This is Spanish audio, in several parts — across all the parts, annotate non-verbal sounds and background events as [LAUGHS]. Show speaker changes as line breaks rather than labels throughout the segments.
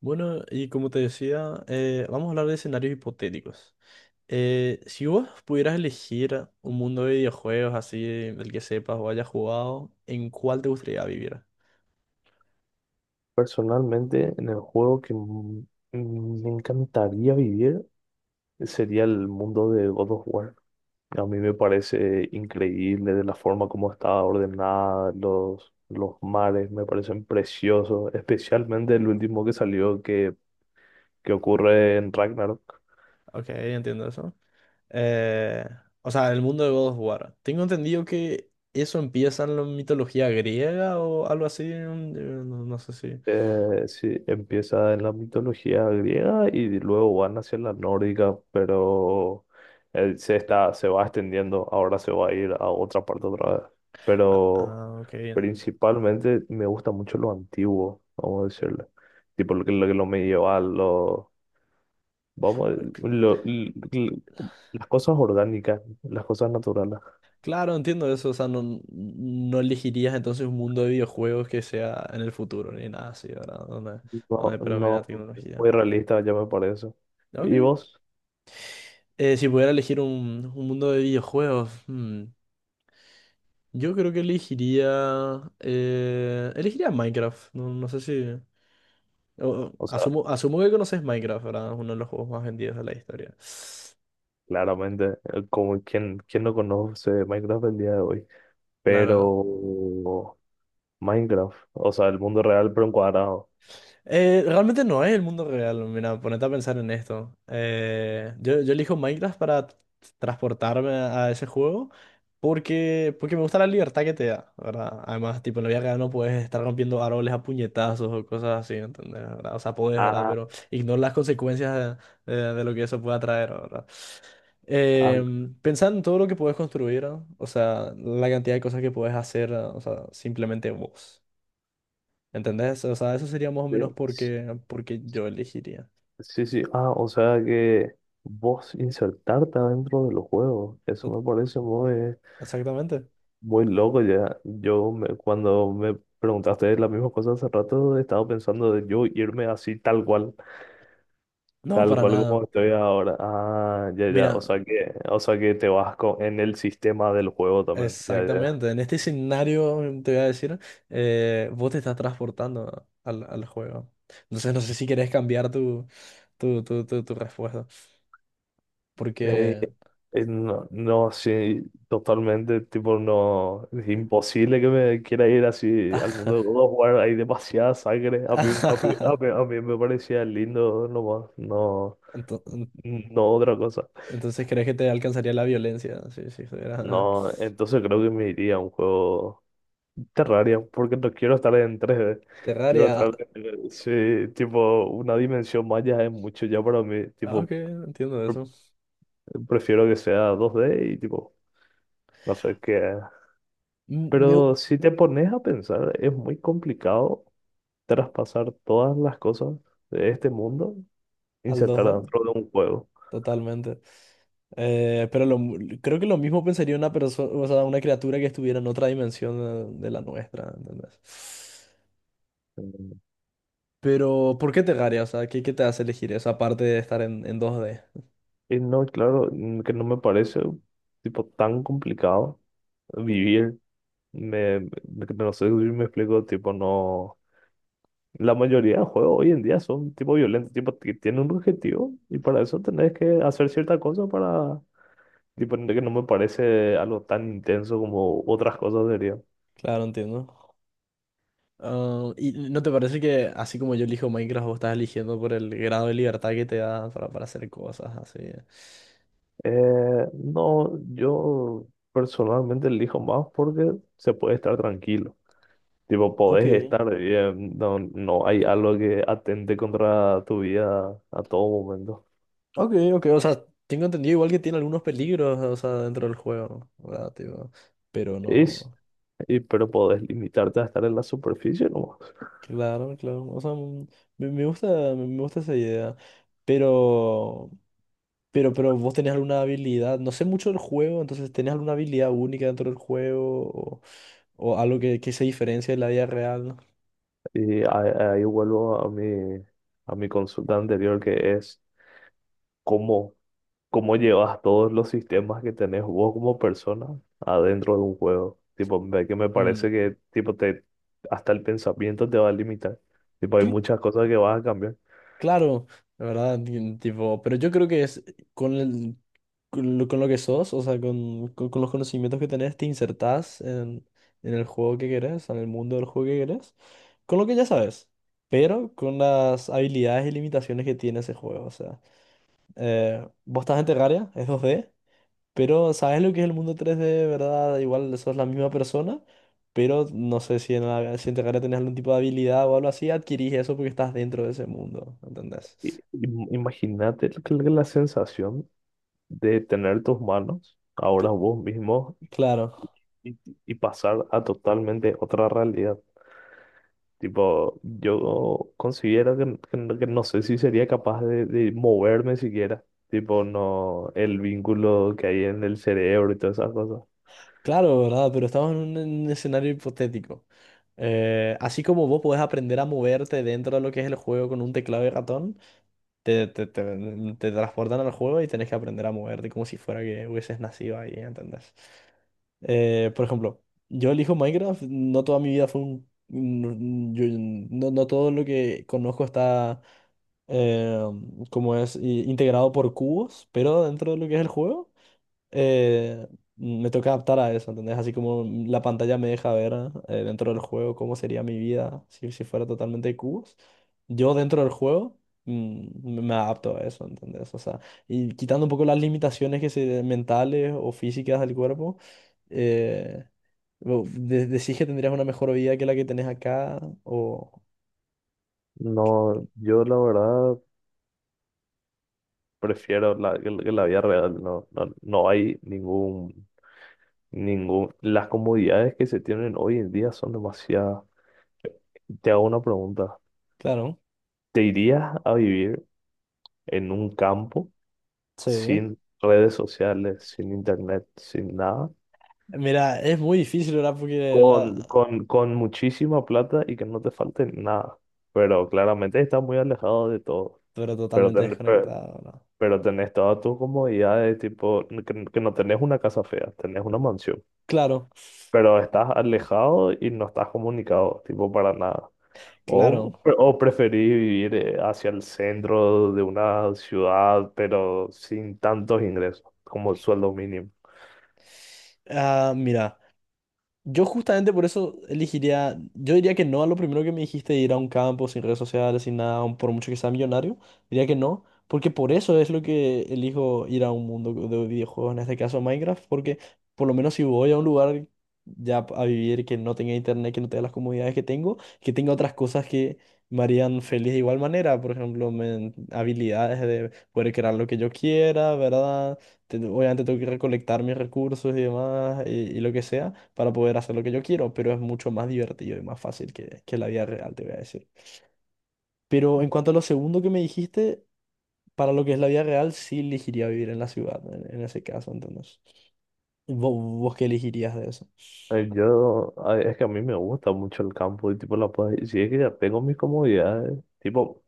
Bueno, y como te decía, vamos a hablar de escenarios hipotéticos. Si vos pudieras elegir un mundo de videojuegos así, del que sepas o hayas jugado, ¿en cuál te gustaría vivir?
Personalmente, en el juego que me encantaría vivir sería el mundo de God of War. A mí me parece increíble de la forma como está ordenada, los mares me parecen preciosos, especialmente el último que salió que ocurre en Ragnarok.
Ok, entiendo eso. Eh, o sea, el mundo de God of War. Tengo entendido que eso empieza en la mitología griega o algo así. No, no sé si.
Sí, empieza en la mitología griega y luego van hacia la nórdica, pero él se se va extendiendo, ahora se va a ir a otra parte otra vez.
Ah,
Pero
ah,
principalmente me gusta mucho lo antiguo, vamos a decirlo, tipo lo que lo medieval, lo, vamos, a-
ok.
lo- l- l- las cosas orgánicas, las cosas naturales.
Claro, entiendo eso, o sea, no, no elegirías entonces un mundo de videojuegos que sea en el futuro, ni nada así, ¿verdad?
No,
Donde predomina la
no, muy
tecnología.
realista ya me parece. ¿Y
Ok.
vos?
Si pudiera elegir un mundo de videojuegos, hmm, yo creo que elegiría... elegiría Minecraft, no, no sé si...
O sea,
asumo, asumo que conoces Minecraft, ¿verdad? Es uno de los juegos más vendidos de la historia.
claramente, como quien no conoce Minecraft el día de hoy.
Claro.
Pero Minecraft, o sea, el mundo real pero encuadrado.
Realmente no es el mundo real. Mira, ponete a pensar en esto. Yo elijo Minecraft para transportarme a ese juego porque, porque me gusta la libertad que te da, ¿verdad? Además, tipo, en la vida real no puedes estar rompiendo árboles a puñetazos o cosas así, ¿entendés? ¿Verdad? O sea, podés, ¿verdad?
Ah,
Pero ignora las consecuencias de lo que eso pueda traer, ¿verdad?
ah,
Eh, Pensá en todo lo que puedes construir, ¿no? O sea, la cantidad de cosas que puedes hacer, ¿no? O sea, simplemente vos. ¿Entendés? O sea, eso sería más o menos
sí.
porque, porque yo elegiría.
Sí, sí. Ah, o sea que vos insertarte adentro de los juegos. Eso
Tot-
me parece
Exactamente.
muy loco ya. Cuando me preguntaste la misma cosa hace rato, estaba pensando de yo irme así
No,
tal
para
cual como
nada.
estoy ahora. Ah, ya, ya. O
Mira,
sea o sea que te vas en el sistema del juego también. Ya, ya.
exactamente. En este escenario, te voy a decir, vos te estás transportando al, al juego. Entonces, no sé si querés cambiar tu respuesta.
Eh,
Porque...
no, no, sí, totalmente, tipo, no, es imposible que me quiera ir así al mundo de
[LAUGHS]
God of War, hay demasiada sangre, a mí, a mí me parecía lindo nomás, no,
Ento- en-
no otra cosa.
Entonces, ¿crees que te alcanzaría la violencia? Sí, sí, estuviera...
No, entonces creo que me iría a un juego Terraria, porque no quiero estar en tres d, quiero
Terraria.
sí, tipo, una dimensión más ya es mucho ya para mí,
Ah, ok,
tipo,
entiendo eso.
prefiero que sea dos d y tipo, no sé qué.
Me...
Pero si te pones a pensar, es muy complicado traspasar todas las cosas de este mundo,
Al 2
insertarlas
¿eh?
dentro de un juego.
Totalmente. Pero creo que lo mismo pensaría una persona, o sea, una criatura que estuviera en otra dimensión de la nuestra, ¿entendés?
Mm.
Pero, ¿por qué Terraria? O sea, ¿qué te hace elegir eso aparte de estar en 2D?
Y no, claro, mm, que no me parece tipo tan complicado vivir. No sé si me explico, tipo, no. La mayoría de juegos hoy en día son tipo violentos, tipo, que tienen un objetivo y para eso tenés que hacer cierta cosa para, tipo, que no me parece algo tan intenso como otras cosas sería.
Claro, entiendo. Ah, ¿y no te parece que así como yo elijo Minecraft, vos estás eligiendo por el grado de libertad que te da para hacer cosas así?
No, yo personalmente elijo más porque se puede estar tranquilo. Tipo,
Ok,
podés estar bien, no, no hay algo que atente contra tu vida a todo momento.
ok, ok. O sea, tengo entendido igual que tiene algunos peligros, o sea, dentro del juego, ¿verdad? Tipo, pero
Es,
no.
pero podés limitarte a estar en la superficie, ¿no?
Claro, claro. O sea, mm, me gusta, me gusta esa idea. Pero, pero vos tenés alguna habilidad. No sé mucho del juego, entonces tenés alguna habilidad única dentro del juego o algo que se diferencia de la vida real. ¿No?
Y ahí vuelvo a a mi consulta anterior que es cómo. ¿Cómo llevas todos los sistemas que tenés vos como persona adentro de un juego? Tipo, que me parece
Mm.
que tipo te hasta el pensamiento te va a limitar. Tipo, hay
Sí,
muchas cosas que vas a cambiar.
claro, la verdad, tipo, pero yo creo que es con el con lo que sos, o sea, con los conocimientos que tenés, te insertás en el juego que querés, en el mundo del juego que querés, con lo que ya sabes, pero con las habilidades y limitaciones que tiene ese juego. O sea, vos estás en Terraria, es dos d pero sabes lo que es el mundo tres d, ¿verdad? Igual sos la misma persona, pero no sé si si en Terraria tenés algún tipo de habilidad o algo así, adquirís eso porque estás dentro de ese mundo, ¿entendés?
Imagínate la sensación de tener tus manos ahora
Cl-
vos mismo
Claro.
y, y pasar a totalmente otra realidad. Tipo, yo considero que no sé si sería capaz de moverme siquiera. Tipo, no, el vínculo que hay en el cerebro y todas esas cosas.
Claro, ¿verdad? Pero estamos en un escenario hipotético. Así como vos podés aprender a moverte dentro de lo que es el juego con un teclado y ratón, te transportan al juego y tenés que aprender a moverte como si fuera que hubieses nacido ahí, ¿entendés? Por ejemplo, yo elijo Minecraft, no toda mi vida fue un... no, no todo lo que conozco está, eh, como es, integrado por cubos, pero dentro de lo que es el juego eh, me tengo que adaptar a eso, ¿entendés? Así como la pantalla me deja ver dentro del juego cómo sería mi vida si, si fuera totalmente de cubos, yo dentro del juego mm, me adapto a eso, ¿entendés? O sea, y quitando un poco las limitaciones que se, mentales o físicas del cuerpo, eh, decís que tendrías una mejor vida que la que tenés acá, o...
No, yo la verdad prefiero la, que la que la vida real. No, no, no hay ningún, ningún. Las comodidades que se tienen hoy en día son demasiadas. Te hago una pregunta.
Claro,
¿Te irías a vivir en un campo
sí.
sin redes sociales, sin internet, sin nada?
Mira, es muy difícil, ¿verdad? Porque
Con,
la...
con muchísima plata y que no te falte nada. Pero claramente estás muy alejado de todo.
Pero
Pero,
totalmente
ten- pe-
desconectado, ¿no?
pero tenés todas tus comodidades, tipo, que no tenés una casa fea, tenés una mansión.
Claro,
Pero estás alejado y no estás comunicado, tipo, para nada.
claro.
O preferís vivir hacia el centro de una ciudad, pero sin tantos ingresos, como el sueldo mínimo.
Ah, mira. Yo justamente por eso elegiría, yo diría que no a lo primero que me dijiste, ir a un campo sin redes sociales, sin nada, aun por mucho que sea millonario, diría que no, porque por eso es lo que elijo ir a un mundo de videojuegos, en este caso Minecraft, porque por lo menos si voy a un lugar ya a vivir que no tenga internet, que no tenga las comodidades que tengo, que tenga otras cosas que me harían feliz de igual manera, por ejemplo, habilidades de poder crear lo que yo quiera, ¿verdad? Obviamente tengo que recolectar mis recursos y demás y lo que sea para poder hacer lo que yo quiero, pero es mucho más divertido y más fácil que la vida real, te voy a decir. Pero en cuanto a lo segundo que me dijiste, para lo que es la vida real, sí elegiría vivir en la ciudad, en ese caso, entonces. ¿Vos, ¿Vos qué elegirías de eso?
Es que a mí me gusta mucho el campo y tipo la puedes, si es que ya tengo mis comodidades, tipo,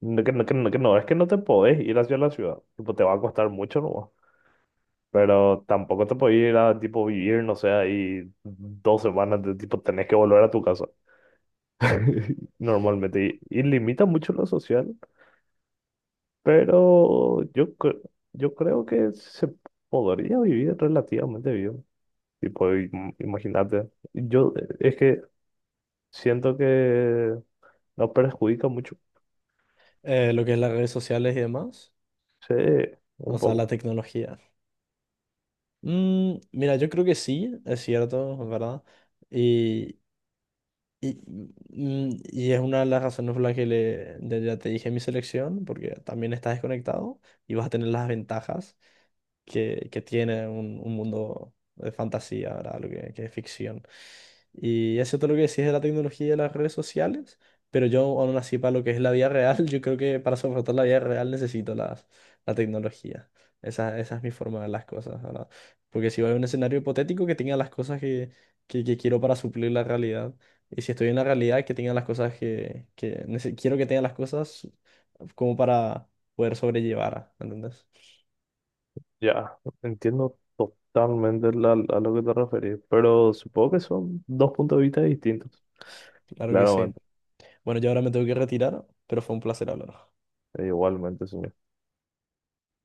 no, que, no, que, no, que no, es que no te podés ir hacia la ciudad, tipo, te va a costar mucho, ¿no? Pero tampoco te podés ir a, tipo, vivir, no sé, ahí dos semanas, de, tipo, tenés que volver a tu casa, [LAUGHS] normalmente, y limita mucho lo social, pero yo creo que se podría vivir relativamente bien, tipo, imagínate, es que siento que no perjudica mucho.
Lo que es las redes sociales y demás,
Sí,
o
un
sea, la
poco.
tecnología. Mm, mira, yo creo que sí, es cierto, es verdad. Y, y, y es una de las razones por las que le, ya ya te dije mi selección, porque también estás desconectado y vas a tener las ventajas que tiene un mundo de fantasía, ¿verdad? Que es ficción. Y eso es todo lo que decís de la tecnología y de las redes sociales, pero yo aún así para lo que es la vida real, [LAUGHS] yo creo que para soportar la vida real necesito las, la tecnología. Esa es mi forma de ver las cosas, ¿verdad? Porque si voy a un escenario hipotético que tenga las cosas que quiero para suplir la realidad, y si estoy en la realidad que tenga las cosas que, quiero que tenga las cosas como para poder sobrellevar, ¿entendés?
Ya, entiendo totalmente a lo que te referís, pero supongo que son dos puntos de vista distintos.
Claro que sí.
Claramente,
Bueno, yo ahora me tengo que retirar, pero fue un placer hablar.
e igualmente, señor.